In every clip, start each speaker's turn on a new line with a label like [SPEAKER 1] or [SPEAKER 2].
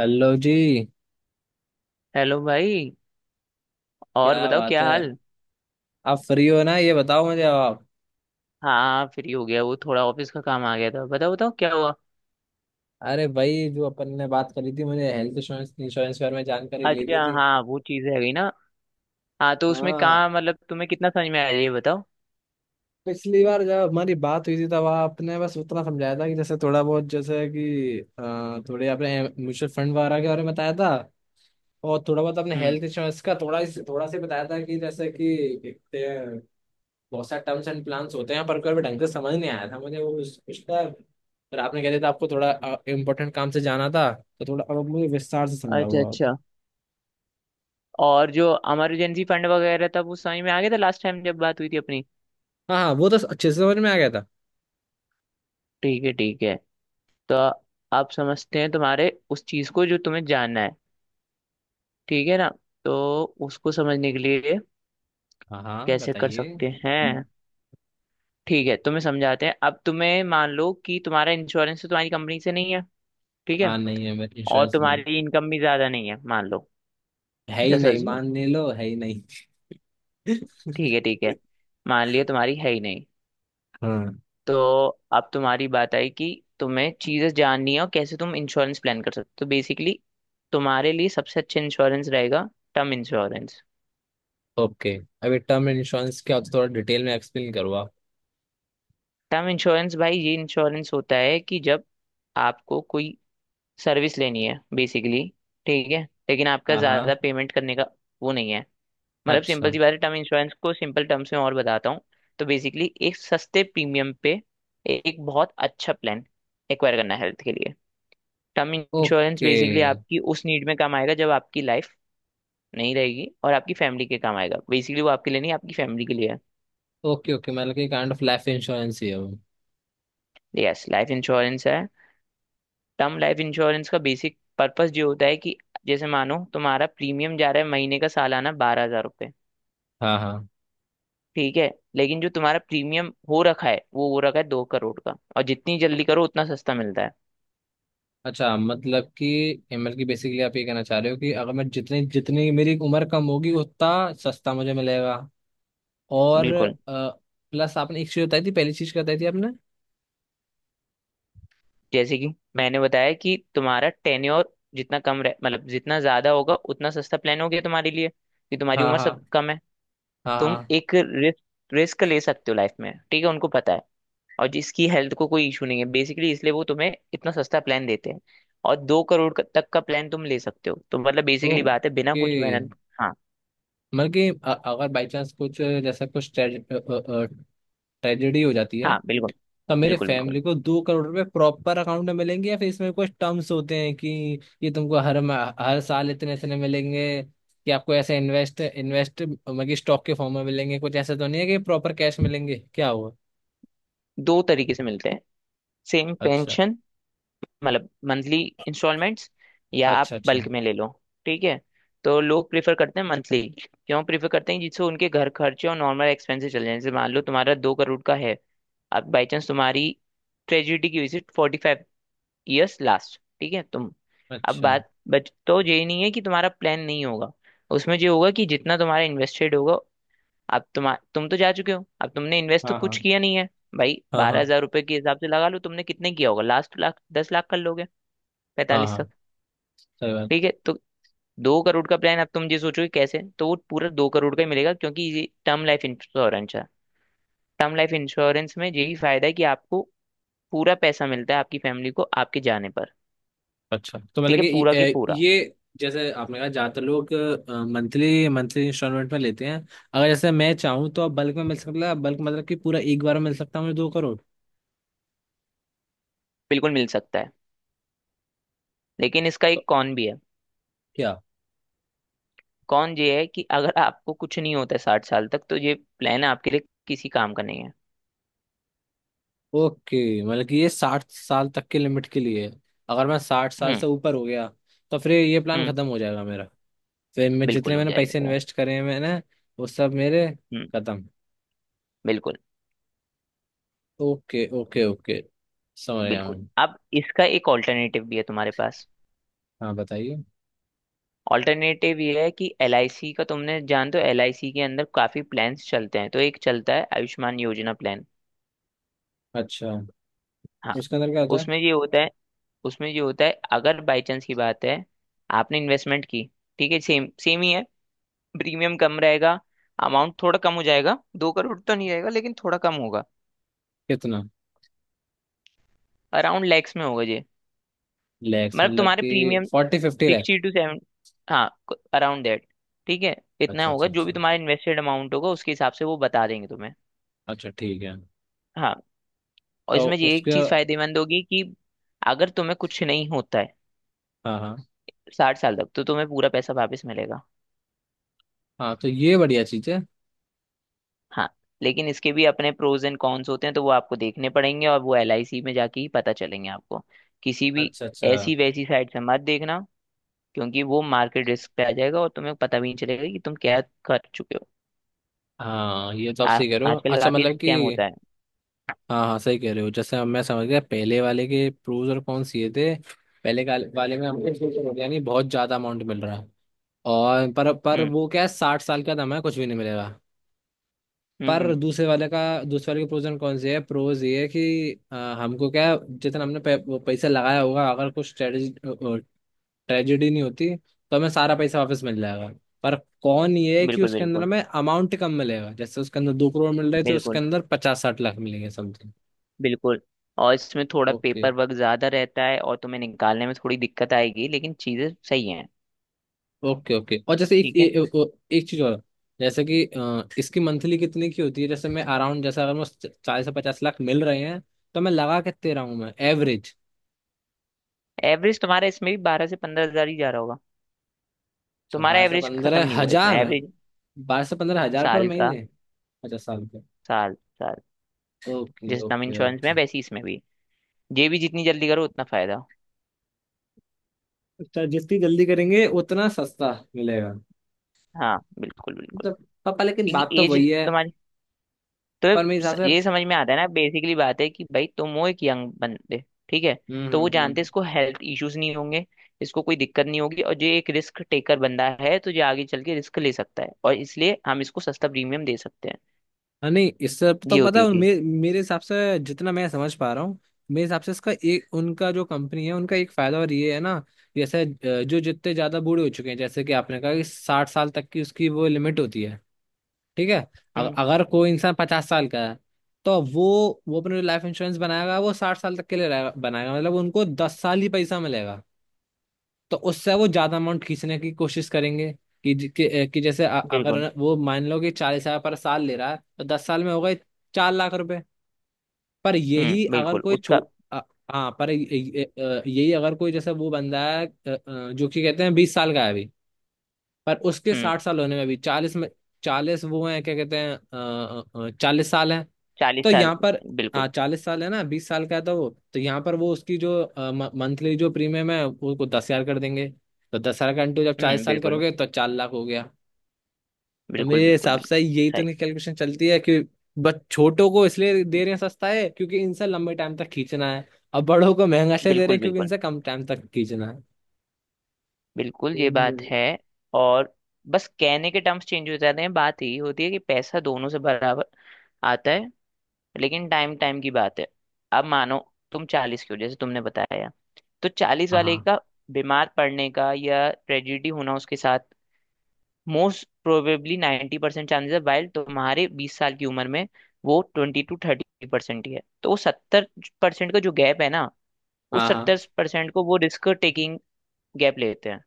[SPEAKER 1] Hello जी।
[SPEAKER 2] Hello भाई। और
[SPEAKER 1] क्या
[SPEAKER 2] बताओ
[SPEAKER 1] बात
[SPEAKER 2] क्या
[SPEAKER 1] है।
[SPEAKER 2] हाल।
[SPEAKER 1] आप फ्री हो ना, ये बताओ मुझे अब आप।
[SPEAKER 2] हाँ फ्री हो गया, वो थोड़ा ऑफिस का काम आ गया था। बताओ बताओ क्या हुआ।
[SPEAKER 1] अरे भाई, जो अपन ने बात करी थी, मुझे हेल्थ इंश्योरेंस इंश्योरेंस के बारे में जानकारी लेनी
[SPEAKER 2] अच्छा
[SPEAKER 1] थी।
[SPEAKER 2] हाँ, वो चीज़ है गई ना। हाँ तो उसमें
[SPEAKER 1] हाँ,
[SPEAKER 2] काम मतलब तुम्हें कितना समझ में आया ये बताओ।
[SPEAKER 1] पिछली बार जब हमारी बात हुई थी तब आपने बस उतना समझाया था कि जैसे थोड़ा बहुत, जैसे कि थोड़े आपने म्यूचुअल फंड वगैरह के बारे में बताया था। और थोड़ा बहुत आपने
[SPEAKER 2] हम्म।
[SPEAKER 1] हेल्थ इंश्योरेंस का थोड़ा सा बताया था कि जैसे कि बहुत सारे टर्म्स एंड प्लान्स होते हैं, पर कोई ढंग से समझ नहीं आया था मुझे वो उसका। फिर आपने कह दिया था आपको थोड़ा इम्पोर्टेंट काम से जाना था। तो थोड़ा अब मुझे विस्तार से समझाओ
[SPEAKER 2] अच्छा
[SPEAKER 1] आप।
[SPEAKER 2] अच्छा और जो इमरजेंसी फंड वगैरह था वो समझ में आ गया था लास्ट टाइम जब बात हुई थी अपनी।
[SPEAKER 1] हाँ हाँ, वो तो अच्छे से समझ में आ गया था।
[SPEAKER 2] ठीक है। तो आप समझते हैं तुम्हारे उस चीज़ को जो तुम्हें जानना है। ठीक है ना। तो उसको समझने के लिए
[SPEAKER 1] हाँ हाँ,
[SPEAKER 2] कैसे कर
[SPEAKER 1] बताइए।
[SPEAKER 2] सकते हैं। ठीक है तुम्हें समझाते हैं। अब तुम्हें, मान लो कि तुम्हारा इंश्योरेंस तो तुम्हारी कंपनी से नहीं है। ठीक है।
[SPEAKER 1] हाँ, नहीं है,
[SPEAKER 2] और
[SPEAKER 1] इंश्योरेंस नहीं।
[SPEAKER 2] तुम्हारी इनकम भी ज्यादा नहीं है मान लो।
[SPEAKER 1] है ही
[SPEAKER 2] जस्ट
[SPEAKER 1] नहीं,
[SPEAKER 2] अज्यूम।
[SPEAKER 1] मान नहीं लो, है ही नहीं।
[SPEAKER 2] ठीक है ठीक है मान लिया तुम्हारी है ही नहीं।
[SPEAKER 1] हाँ।
[SPEAKER 2] तो अब तुम्हारी बात आई कि तुम्हें चीजें जाननी है और कैसे तुम इंश्योरेंस प्लान कर सकते हो। तो बेसिकली तुम्हारे लिए सबसे अच्छा इंश्योरेंस रहेगा टर्म इंश्योरेंस।
[SPEAKER 1] ओके। अभी टर्म इंश्योरेंस क्या होता है, थोड़ा डिटेल में एक्सप्लेन करो आप।
[SPEAKER 2] टर्म इंश्योरेंस भाई ये इंश्योरेंस होता है कि जब आपको कोई सर्विस लेनी है बेसिकली। ठीक है। लेकिन आपका
[SPEAKER 1] हाँ हाँ।
[SPEAKER 2] ज़्यादा पेमेंट करने का वो नहीं है। मतलब सिंपल
[SPEAKER 1] अच्छा।
[SPEAKER 2] सी बात है, टर्म इंश्योरेंस को सिंपल टर्म्स में और बताता हूँ। तो बेसिकली एक सस्ते प्रीमियम पे एक बहुत अच्छा प्लान एक्वायर करना है हेल्थ के लिए। टर्म इंश्योरेंस
[SPEAKER 1] ओके
[SPEAKER 2] बेसिकली आपकी उस नीड में काम आएगा जब आपकी लाइफ नहीं रहेगी और आपकी फैमिली के काम आएगा। बेसिकली वो आपके लिए नहीं, आपकी फैमिली के लिए है।
[SPEAKER 1] ओके ओके, मतलब कि काइंड ऑफ लाइफ इंश्योरेंस ही है वो।
[SPEAKER 2] यस लाइफ इंश्योरेंस है। टर्म लाइफ इंश्योरेंस का बेसिक पर्पस जो होता है कि जैसे मानो तुम्हारा प्रीमियम जा रहा है महीने का सालाना बारह हजार।
[SPEAKER 1] हाँ हाँ।
[SPEAKER 2] ठीक है। लेकिन जो तुम्हारा प्रीमियम हो रखा है वो हो रखा है दो करोड़ का। और जितनी जल्दी करो उतना सस्ता मिलता है।
[SPEAKER 1] अच्छा, मतलब कि एमएल की, बेसिकली आप ये कहना चाह रहे हो कि अगर मैं, जितनी जितनी मेरी उम्र कम होगी, उतना सस्ता मुझे मिलेगा। और
[SPEAKER 2] बिल्कुल।
[SPEAKER 1] प्लस आपने एक चीज बताई थी, पहली चीज बताई थी आपने।
[SPEAKER 2] जैसे कि मैंने बताया कि तुम्हारा टेन्योर जितना कम रह मतलब जितना ज्यादा होगा उतना सस्ता प्लान हो गया तुम्हारे लिए, कि तुम्हारी
[SPEAKER 1] हाँ
[SPEAKER 2] उम्र सब
[SPEAKER 1] हाँ।
[SPEAKER 2] कम है।
[SPEAKER 1] हाँ
[SPEAKER 2] तुम
[SPEAKER 1] हाँ।
[SPEAKER 2] एक रिस्क रिस्क ले सकते हो लाइफ में। ठीक है, उनको पता है। और जिसकी हेल्थ को कोई इशू नहीं है बेसिकली, इसलिए वो तुम्हें इतना सस्ता प्लान देते हैं। और दो करोड़ का- तक का प्लान तुम ले सकते हो, तो मतलब बेसिकली बात है बिना
[SPEAKER 1] ओके,
[SPEAKER 2] कुछ मेहनत। हाँ
[SPEAKER 1] मतलब कि अगर बाई चांस कुछ, जैसा कुछ ट्रेजेडी हो जाती है,
[SPEAKER 2] हाँ। बिल्कुल
[SPEAKER 1] अब मेरे
[SPEAKER 2] बिल्कुल बिल्कुल
[SPEAKER 1] फैमिली को 2 करोड़ रुपए प्रॉपर अकाउंट में मिलेंगे, या फिर इसमें कुछ टर्म्स होते हैं कि ये तुमको हर साल इतने इतने मिलेंगे, कि आपको ऐसे इन्वेस्ट इन्वेस्ट मतलब कि स्टॉक के फॉर्म में मिलेंगे, कुछ ऐसा तो नहीं है कि प्रॉपर कैश मिलेंगे, क्या हुआ।
[SPEAKER 2] दो तरीके से मिलते हैं। सेम
[SPEAKER 1] अच्छा
[SPEAKER 2] पेंशन, मतलब मंथली इंस्टॉलमेंट्स, या आप
[SPEAKER 1] अच्छा। अच्छा
[SPEAKER 2] बल्क में ले लो। ठीक है। तो लोग प्रेफर करते हैं मंथली, क्यों प्रेफर करते हैं, जिससे उनके घर खर्चे और नॉर्मल एक्सपेंसेस चल जाए। जैसे मान लो तुम्हारा दो करोड़ का है। अब बाई चांस तुम्हारी ट्रेजिडी की visit forty five years last, ठीक है, तुम अब
[SPEAKER 1] अच्छा।
[SPEAKER 2] बात बच, तो ये नहीं है कि तुम्हारा प्लान नहीं होगा। उसमें जो होगा कि जितना तुम्हारा इन्वेस्टेड होगा। अब तुम, तुम जा चुके हो, अब तुमने इन्वेस्ट तो
[SPEAKER 1] हाँ
[SPEAKER 2] कुछ
[SPEAKER 1] हाँ।
[SPEAKER 2] किया नहीं है। भाई
[SPEAKER 1] हाँ
[SPEAKER 2] बारह
[SPEAKER 1] हाँ।
[SPEAKER 2] हजार रुपए के हिसाब से लगा लो, तुमने कितने किया होगा लास्ट, लाख दस लाख कर लोगे
[SPEAKER 1] हाँ
[SPEAKER 2] पैंतालीस
[SPEAKER 1] हाँ।
[SPEAKER 2] तक।
[SPEAKER 1] सही बात।
[SPEAKER 2] ठीक है। तो दो करोड़ का प्लान अब तुम ये सोचोगे कैसे, तो वो पूरा दो करोड़ का ही मिलेगा, क्योंकि ये टर्म लाइफ इंश्योरेंस है। टर्म लाइफ इंश्योरेंस में यही फायदा है कि आपको पूरा पैसा मिलता है आपकी फैमिली को, आपके जाने पर।
[SPEAKER 1] अच्छा तो
[SPEAKER 2] ठीक
[SPEAKER 1] मतलब
[SPEAKER 2] है,
[SPEAKER 1] कि,
[SPEAKER 2] पूरा के
[SPEAKER 1] ये
[SPEAKER 2] पूरा।
[SPEAKER 1] ये जैसे आपने कहा ज्यादातर लोग मंथली मंथली इंस्टॉलमेंट में लेते हैं। अगर जैसे मैं चाहूँ, तो आप बल्क में मिल सकता है, बल्क मतलब कि पूरा एक बार में मिल सकता है मुझे 2 करोड़।
[SPEAKER 2] बिल्कुल मिल सकता है, लेकिन इसका
[SPEAKER 1] तो
[SPEAKER 2] एक कॉन भी है।
[SPEAKER 1] क्या।
[SPEAKER 2] कॉन ये है कि अगर आपको कुछ नहीं होता है साठ साल तक, तो ये प्लान आपके लिए किसी काम का नहीं है।
[SPEAKER 1] ओके, मतलब कि ये 60 साल तक के लिमिट के लिए है। अगर मैं 60 साल
[SPEAKER 2] हम्म।
[SPEAKER 1] से ऊपर हो गया तो फिर ये प्लान
[SPEAKER 2] हम्म।
[SPEAKER 1] खत्म हो जाएगा मेरा। फिर मैं जितने
[SPEAKER 2] बिल्कुल हो
[SPEAKER 1] मैंने पैसे
[SPEAKER 2] जाएगा।
[SPEAKER 1] इन्वेस्ट करे हैं मैंने, वो सब मेरे
[SPEAKER 2] हम्म।
[SPEAKER 1] खत्म।
[SPEAKER 2] बिल्कुल।
[SPEAKER 1] ओके ओके ओके, समझ गया
[SPEAKER 2] बिल्कुल,
[SPEAKER 1] मैं।
[SPEAKER 2] अब इसका एक ऑल्टरनेटिव भी है तुम्हारे पास।
[SPEAKER 1] हाँ बताइए।
[SPEAKER 2] ऑल्टरनेटिव ये है कि एल आई सी का, तुमने जानते हो एल आई सी के अंदर काफी प्लान्स चलते हैं, तो एक चलता है आयुष्मान योजना प्लान।
[SPEAKER 1] अच्छा।
[SPEAKER 2] हाँ।
[SPEAKER 1] उसके अंदर क्या था।
[SPEAKER 2] उसमें ये होता है उसमें ये होता है अगर बाई चांस की बात है आपने इन्वेस्टमेंट की। ठीक है, सेम सेम ही है। प्रीमियम कम रहेगा, अमाउंट थोड़ा कम हो जाएगा। दो करोड़ तो नहीं रहेगा, लेकिन थोड़ा कम होगा।
[SPEAKER 1] कितना।
[SPEAKER 2] अराउंड लैक्स में होगा ये।
[SPEAKER 1] लैक्स
[SPEAKER 2] मतलब
[SPEAKER 1] मतलब
[SPEAKER 2] तुम्हारे
[SPEAKER 1] कि
[SPEAKER 2] premium
[SPEAKER 1] 40-50 lakh.
[SPEAKER 2] Sixty two seven. हाँ, अराउंड दैट। ठीक है। इतना
[SPEAKER 1] अच्छा
[SPEAKER 2] होगा,
[SPEAKER 1] अच्छा
[SPEAKER 2] जो भी
[SPEAKER 1] अच्छा।
[SPEAKER 2] तुम्हारा इन्वेस्टेड अमाउंट होगा उसके हिसाब से वो बता देंगे तुम्हें।
[SPEAKER 1] अच्छा, ठीक है।
[SPEAKER 2] हाँ। और
[SPEAKER 1] तो
[SPEAKER 2] इसमें ये एक
[SPEAKER 1] उसके।
[SPEAKER 2] चीज फायदेमंद होगी कि अगर तुम्हें कुछ नहीं होता है
[SPEAKER 1] हाँ हाँ।
[SPEAKER 2] साठ साल तक, तो तुम्हें पूरा पैसा वापस मिलेगा।
[SPEAKER 1] हाँ, तो ये बढ़िया चीज़ है।
[SPEAKER 2] हाँ। लेकिन इसके भी अपने प्रोज एंड कॉन्स होते हैं, तो वो आपको देखने पड़ेंगे, और वो एलआईसी में जाके ही पता चलेंगे आपको। किसी भी
[SPEAKER 1] अच्छा अच्छा।
[SPEAKER 2] ऐसी वैसी साइट से मत देखना, क्योंकि वो मार्केट रिस्क पे आ जाएगा और तुम्हें पता भी नहीं चलेगा कि तुम क्या कर चुके हो।
[SPEAKER 1] हाँ, ये तो आप
[SPEAKER 2] आ,
[SPEAKER 1] सही कह रहे हो।
[SPEAKER 2] आजकल
[SPEAKER 1] अच्छा,
[SPEAKER 2] काफी
[SPEAKER 1] मतलब कि।
[SPEAKER 2] स्कैम होता है।
[SPEAKER 1] हाँ हाँ, सही कह रहे हो, जैसे हम, मैं समझ गया। पहले वाले के प्रोज और कॉन्स ये थे। पहले वाले में हमको यानी बहुत ज्यादा अमाउंट मिल रहा है, और पर
[SPEAKER 2] हम्म
[SPEAKER 1] वो क्या है, साठ साल का दम है, कुछ भी नहीं मिलेगा।
[SPEAKER 2] हम्म
[SPEAKER 1] पर
[SPEAKER 2] हम्म।
[SPEAKER 1] दूसरे वाले के प्रोज एंड कॉन्स ये है, प्रोज ये है कि हमको क्या है, जितना हमने वो पैसा लगाया होगा, अगर कुछ ट्रेजेडी नहीं होती तो हमें सारा पैसा वापस मिल जाएगा। पर कौन ये है कि
[SPEAKER 2] बिल्कुल
[SPEAKER 1] उसके अंदर
[SPEAKER 2] बिल्कुल
[SPEAKER 1] हमें अमाउंट कम मिलेगा, जैसे उसके अंदर 2 करोड़ मिल रहे थे, उसके
[SPEAKER 2] बिल्कुल
[SPEAKER 1] अंदर 50-60 लाख मिलेंगे समथिंग।
[SPEAKER 2] बिल्कुल और इसमें थोड़ा
[SPEAKER 1] ओके
[SPEAKER 2] पेपर वर्क ज्यादा रहता है और तुम्हें निकालने में थोड़ी दिक्कत आएगी, लेकिन चीजें सही हैं।
[SPEAKER 1] Okay okay. और जैसे एक
[SPEAKER 2] ठीक
[SPEAKER 1] ए,
[SPEAKER 2] है।
[SPEAKER 1] ए, ओ- एक चीज और, जैसे कि इसकी मंथली कितने की होती है, जैसे मैं अराउंड, जैसे अगर मुझे 40 से 50 लाख मिल रहे हैं, तो मैं लगा कितने रहा हूँ मैं एवरेज।
[SPEAKER 2] एवरेज तुम्हारा इसमें भी बारह से पंद्रह हजार ही जा रहा होगा।
[SPEAKER 1] अच्छा,
[SPEAKER 2] तुम्हारा
[SPEAKER 1] बारह से
[SPEAKER 2] एवरेज खत्म
[SPEAKER 1] पंद्रह
[SPEAKER 2] नहीं हुआ, इसमें
[SPEAKER 1] हजार
[SPEAKER 2] एवरेज
[SPEAKER 1] 12 से 15 हजार पर
[SPEAKER 2] साल का।
[SPEAKER 1] महीने। 50 साल पे।
[SPEAKER 2] साल। साल।
[SPEAKER 1] ओके
[SPEAKER 2] जैसे टर्म
[SPEAKER 1] ओके
[SPEAKER 2] इंश्योरेंस में है,
[SPEAKER 1] ओके।
[SPEAKER 2] वैसे ही इसमें भी ये भी जितनी जल्दी करो उतना फायदा।
[SPEAKER 1] अच्छा, जितनी जल्दी करेंगे उतना सस्ता मिलेगा।
[SPEAKER 2] हाँ बिल्कुल बिल्कुल,
[SPEAKER 1] मतलब पापा, लेकिन
[SPEAKER 2] क्योंकि
[SPEAKER 1] बात तो
[SPEAKER 2] एज,
[SPEAKER 1] वही है।
[SPEAKER 2] तो
[SPEAKER 1] पर मेरे हिसाब
[SPEAKER 2] ये
[SPEAKER 1] से।
[SPEAKER 2] समझ में आता है ना। बेसिकली बात है कि भाई तुम हो एक यंग बंदे। ठीक है। तो वो जानते हैं
[SPEAKER 1] हम्म।
[SPEAKER 2] इसको हेल्थ इश्यूज नहीं होंगे, इसको कोई दिक्कत नहीं होगी, और जो एक रिस्क टेकर बंदा है, तो जो आगे चल के रिस्क ले सकता है, और इसलिए हम इसको सस्ता प्रीमियम दे सकते हैं।
[SPEAKER 1] हाँ, नहीं इससे तो
[SPEAKER 2] ये
[SPEAKER 1] पता
[SPEAKER 2] होती है
[SPEAKER 1] है,
[SPEAKER 2] चीज।
[SPEAKER 1] मेरे हिसाब से जितना मैं समझ पा रहा हूँ। मेरे हिसाब से इसका एक, उनका जो कंपनी है, उनका एक फायदा और ये है ना। जैसे जो जितने ज्यादा बूढ़े हो चुके हैं, जैसे कि आपने कहा कि 60 साल तक की उसकी वो लिमिट होती है, ठीक है।
[SPEAKER 2] हम्म।
[SPEAKER 1] अगर कोई इंसान 50 साल का है, तो वो अपने लाइफ इंश्योरेंस बनाएगा, वो 60 साल तक के लिए बनाएगा, मतलब उनको 10 साल ही पैसा मिलेगा। तो उससे वो ज्यादा अमाउंट खींचने की कोशिश करेंगे, कि ज- कि, अ, कि जैसे अ-
[SPEAKER 2] बिल्कुल।
[SPEAKER 1] अगर वो मान लो कि 40 हजार पर साल ले रहा है, तो 10 साल में हो गए 4 लाख रुपए। पर यही
[SPEAKER 2] हम्म।
[SPEAKER 1] अगर
[SPEAKER 2] बिल्कुल
[SPEAKER 1] कोई छो
[SPEAKER 2] उसका।
[SPEAKER 1] अ, हाँ, पर यही अगर कोई, जैसे वो बंदा है, जो कि कहते हैं 20 साल का है अभी। पर उसके
[SPEAKER 2] हम्म।
[SPEAKER 1] 60 साल होने में भी, चालीस में, चालीस वो हैं, क्या कहते हैं, 40 साल हैं।
[SPEAKER 2] चालीस
[SPEAKER 1] तो
[SPEAKER 2] साल।
[SPEAKER 1] यहाँ पर।
[SPEAKER 2] बिल्कुल।
[SPEAKER 1] हाँ, 40 साल है ना, 20 साल का है, तो वो तो यहाँ पर वो उसकी जो मंथली, जो प्रीमियम है, उसको 10 हजार कर देंगे। तो 10 हजार का इंटू जब चालीस
[SPEAKER 2] हम्म।
[SPEAKER 1] साल
[SPEAKER 2] बिल्कुल
[SPEAKER 1] करोगे तो 4 लाख हो गया। तो
[SPEAKER 2] बिल्कुल
[SPEAKER 1] मेरे
[SPEAKER 2] बिल्कुल
[SPEAKER 1] हिसाब से
[SPEAKER 2] बिल्कुल
[SPEAKER 1] यही तो
[SPEAKER 2] सही।
[SPEAKER 1] नहीं कैलकुलेशन चलती है कि बस छोटों को इसलिए दे रहे हैं सस्ता है क्योंकि इनसे लंबे टाइम तक खींचना है, और बड़ों को महंगा इसलिए दे रहे
[SPEAKER 2] बिल्कुल
[SPEAKER 1] हैं क्योंकि
[SPEAKER 2] बिल्कुल
[SPEAKER 1] इनसे कम टाइम तक खींचना है।
[SPEAKER 2] बिल्कुल ये बात
[SPEAKER 1] हम्म।
[SPEAKER 2] है। और बस कहने के टर्म्स चेंज हो जाते हैं, बात यही होती है कि पैसा दोनों से बराबर आता है, लेकिन टाइम टाइम की बात है। अब मानो तुम चालीस की हो जैसे तुमने बताया, तो चालीस
[SPEAKER 1] हाँ
[SPEAKER 2] वाले
[SPEAKER 1] हाँ
[SPEAKER 2] का बीमार पड़ने का या ट्रेजिडी होना उसके साथ मोस्ट प्रोबेबली 90% परसेंट चांसेस है, वाइल तुम्हारे बीस साल की उम्र में वो ट्वेंटी टू थर्टी परसेंट ही है। तो वो सत्तर परसेंट का जो गैप है ना, उस
[SPEAKER 1] हाँ
[SPEAKER 2] सत्तर परसेंट को वो रिस्क टेकिंग गैप लेते हैं,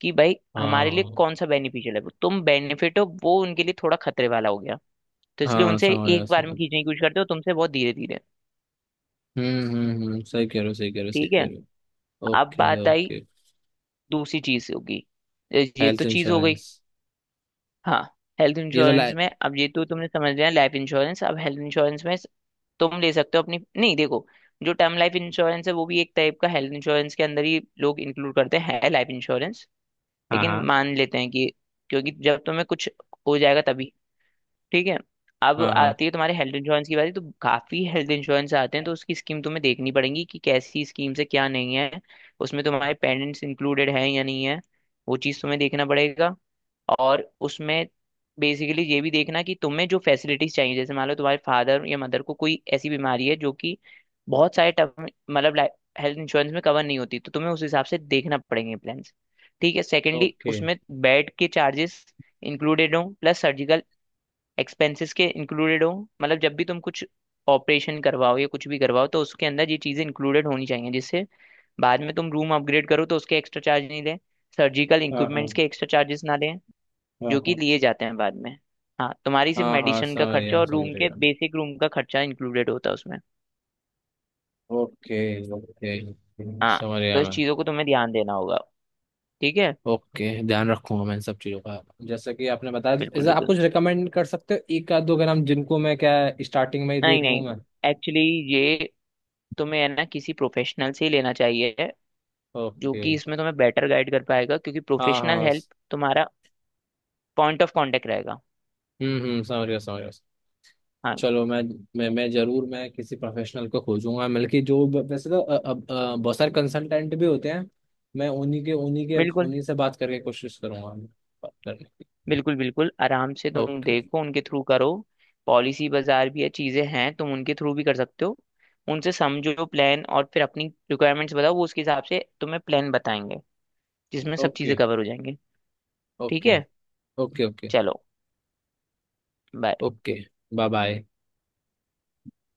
[SPEAKER 2] कि भाई हमारे लिए
[SPEAKER 1] हाँ
[SPEAKER 2] कौन सा बेनिफिशियल है। तुम बेनिफिट हो, वो उनके लिए थोड़ा खतरे वाला हो गया। तो इसलिए
[SPEAKER 1] हाँ,
[SPEAKER 2] उनसे
[SPEAKER 1] समझ आया,
[SPEAKER 2] एक बार
[SPEAKER 1] समझ
[SPEAKER 2] में खींचने की
[SPEAKER 1] आया।
[SPEAKER 2] कोशिश करते हो, तुमसे बहुत धीरे धीरे।
[SPEAKER 1] हम्म, सही कह रहे हो, सही कह रहे हो, सही
[SPEAKER 2] ठीक
[SPEAKER 1] कह
[SPEAKER 2] है।
[SPEAKER 1] रहे हो।
[SPEAKER 2] अब
[SPEAKER 1] ओके
[SPEAKER 2] बात आई,
[SPEAKER 1] ओके।
[SPEAKER 2] दूसरी चीज होगी। ये तो
[SPEAKER 1] हेल्थ
[SPEAKER 2] चीज हो गई।
[SPEAKER 1] इंश्योरेंस।
[SPEAKER 2] हाँ। हेल्थ
[SPEAKER 1] ये तो
[SPEAKER 2] इंश्योरेंस
[SPEAKER 1] लाइ
[SPEAKER 2] में अब ये तो तुमने समझ लिया लाइफ इंश्योरेंस, अब हेल्थ इंश्योरेंस में तुम ले सकते हो अपनी। नहीं देखो, जो टर्म लाइफ इंश्योरेंस है वो भी एक टाइप का हेल्थ इंश्योरेंस के अंदर ही लोग इंक्लूड करते हैं लाइफ इंश्योरेंस।
[SPEAKER 1] हाँ
[SPEAKER 2] लेकिन
[SPEAKER 1] हाँ
[SPEAKER 2] मान लेते हैं कि, क्योंकि जब तुम्हें कुछ हो जाएगा तभी। ठीक है। अब
[SPEAKER 1] हाँ हाँ।
[SPEAKER 2] आती है तुम्हारे हेल्थ इंश्योरेंस की बारी। तो काफी हेल्थ इंश्योरेंस आते हैं, तो उसकी स्कीम तुम्हें देखनी पड़ेगी कि कैसी स्कीम से क्या नहीं है। उसमें तुम्हारे पेरेंट्स इंक्लूडेड है या नहीं है, वो चीज़ तुम्हें देखना पड़ेगा। और उसमें बेसिकली ये भी देखना कि तुम्हें जो फैसिलिटीज चाहिए, जैसे मान लो तुम्हारे फादर या मदर को कोई ऐसी बीमारी है जो कि बहुत सारे टर्म मतलब हेल्थ इंश्योरेंस में कवर नहीं होती, तो तुम्हें उस हिसाब से देखना पड़ेंगे प्लान्स। ठीक है। Secondly
[SPEAKER 1] okay.
[SPEAKER 2] उसमें बेड के चार्जेस इंक्लूडेड हों, प्लस सर्जिकल एक्सपेंसेस के इंक्लूडेड हो। मतलब जब भी तुम कुछ ऑपरेशन करवाओ या कुछ भी करवाओ, तो उसके अंदर ये चीज़ें इंक्लूडेड होनी चाहिए, जिससे बाद में तुम रूम अपग्रेड करो तो उसके एक्स्ट्रा चार्ज नहीं लें, सर्जिकल
[SPEAKER 1] हाँ
[SPEAKER 2] इक्विपमेंट्स
[SPEAKER 1] हाँ
[SPEAKER 2] के एक्स्ट्रा चार्जेस ना लें,
[SPEAKER 1] हाँ
[SPEAKER 2] जो कि
[SPEAKER 1] हाँ
[SPEAKER 2] लिए जाते हैं बाद में। हाँ, तुम्हारी सिर्फ
[SPEAKER 1] हाँ हाँ,
[SPEAKER 2] मेडिसिन का
[SPEAKER 1] समझ गया
[SPEAKER 2] खर्चा
[SPEAKER 1] मैं,
[SPEAKER 2] और
[SPEAKER 1] समझ
[SPEAKER 2] रूम के
[SPEAKER 1] गया। ओके।
[SPEAKER 2] बेसिक रूम का खर्चा इंक्लूडेड होता है उसमें।
[SPEAKER 1] ओके,
[SPEAKER 2] हाँ।
[SPEAKER 1] समझ
[SPEAKER 2] तो
[SPEAKER 1] गया
[SPEAKER 2] इस
[SPEAKER 1] मैं।
[SPEAKER 2] चीज़ों को तुम्हें ध्यान देना होगा। ठीक है।
[SPEAKER 1] ओके, ध्यान रखूंगा मैं इन सब चीज़ों का। जैसा कि आपने बताया,
[SPEAKER 2] बिल्कुल
[SPEAKER 1] जैसे आप
[SPEAKER 2] बिल्कुल
[SPEAKER 1] कुछ रिकमेंड कर सकते हो, एक आध दो के नाम, जिनको मैं क्या स्टार्टिंग में ही
[SPEAKER 2] नहीं
[SPEAKER 1] देख लूँ
[SPEAKER 2] नहीं
[SPEAKER 1] मैं।
[SPEAKER 2] एक्चुअली ये तुम्हें है ना किसी प्रोफेशनल से ही लेना चाहिए, जो
[SPEAKER 1] ओके।
[SPEAKER 2] कि इसमें तुम्हें बेटर गाइड कर पाएगा, क्योंकि
[SPEAKER 1] हाँ हाँ
[SPEAKER 2] प्रोफेशनल
[SPEAKER 1] हाँ।
[SPEAKER 2] हेल्प तुम्हारा पॉइंट ऑफ कांटेक्ट रहेगा।
[SPEAKER 1] हम्म, समझ गया, समझ गया।
[SPEAKER 2] हाँ।
[SPEAKER 1] चलो, मैं जरूर मैं किसी प्रोफेशनल को खोजूंगा, बल्कि जो वैसे तो अब बहुत सारे कंसल्टेंट भी होते हैं, मैं
[SPEAKER 2] बिल्कुल
[SPEAKER 1] उन्हीं से बात करके कोशिश करूंगा बात करने की।
[SPEAKER 2] बिल्कुल बिल्कुल आराम से तुम
[SPEAKER 1] ओके।
[SPEAKER 2] देखो, उनके थ्रू करो। पॉलिसी बाजार भी ये चीज़ें हैं, तुम उनके थ्रू भी कर सकते हो। उनसे समझो प्लान और फिर अपनी रिक्वायरमेंट्स बताओ, वो उसके हिसाब से तुम्हें प्लान बताएंगे जिसमें सब
[SPEAKER 1] ओके
[SPEAKER 2] चीज़ें कवर हो जाएंगी। ठीक
[SPEAKER 1] ओके
[SPEAKER 2] है।
[SPEAKER 1] ओके ओके
[SPEAKER 2] चलो, बाय।
[SPEAKER 1] ओके। Bye bye.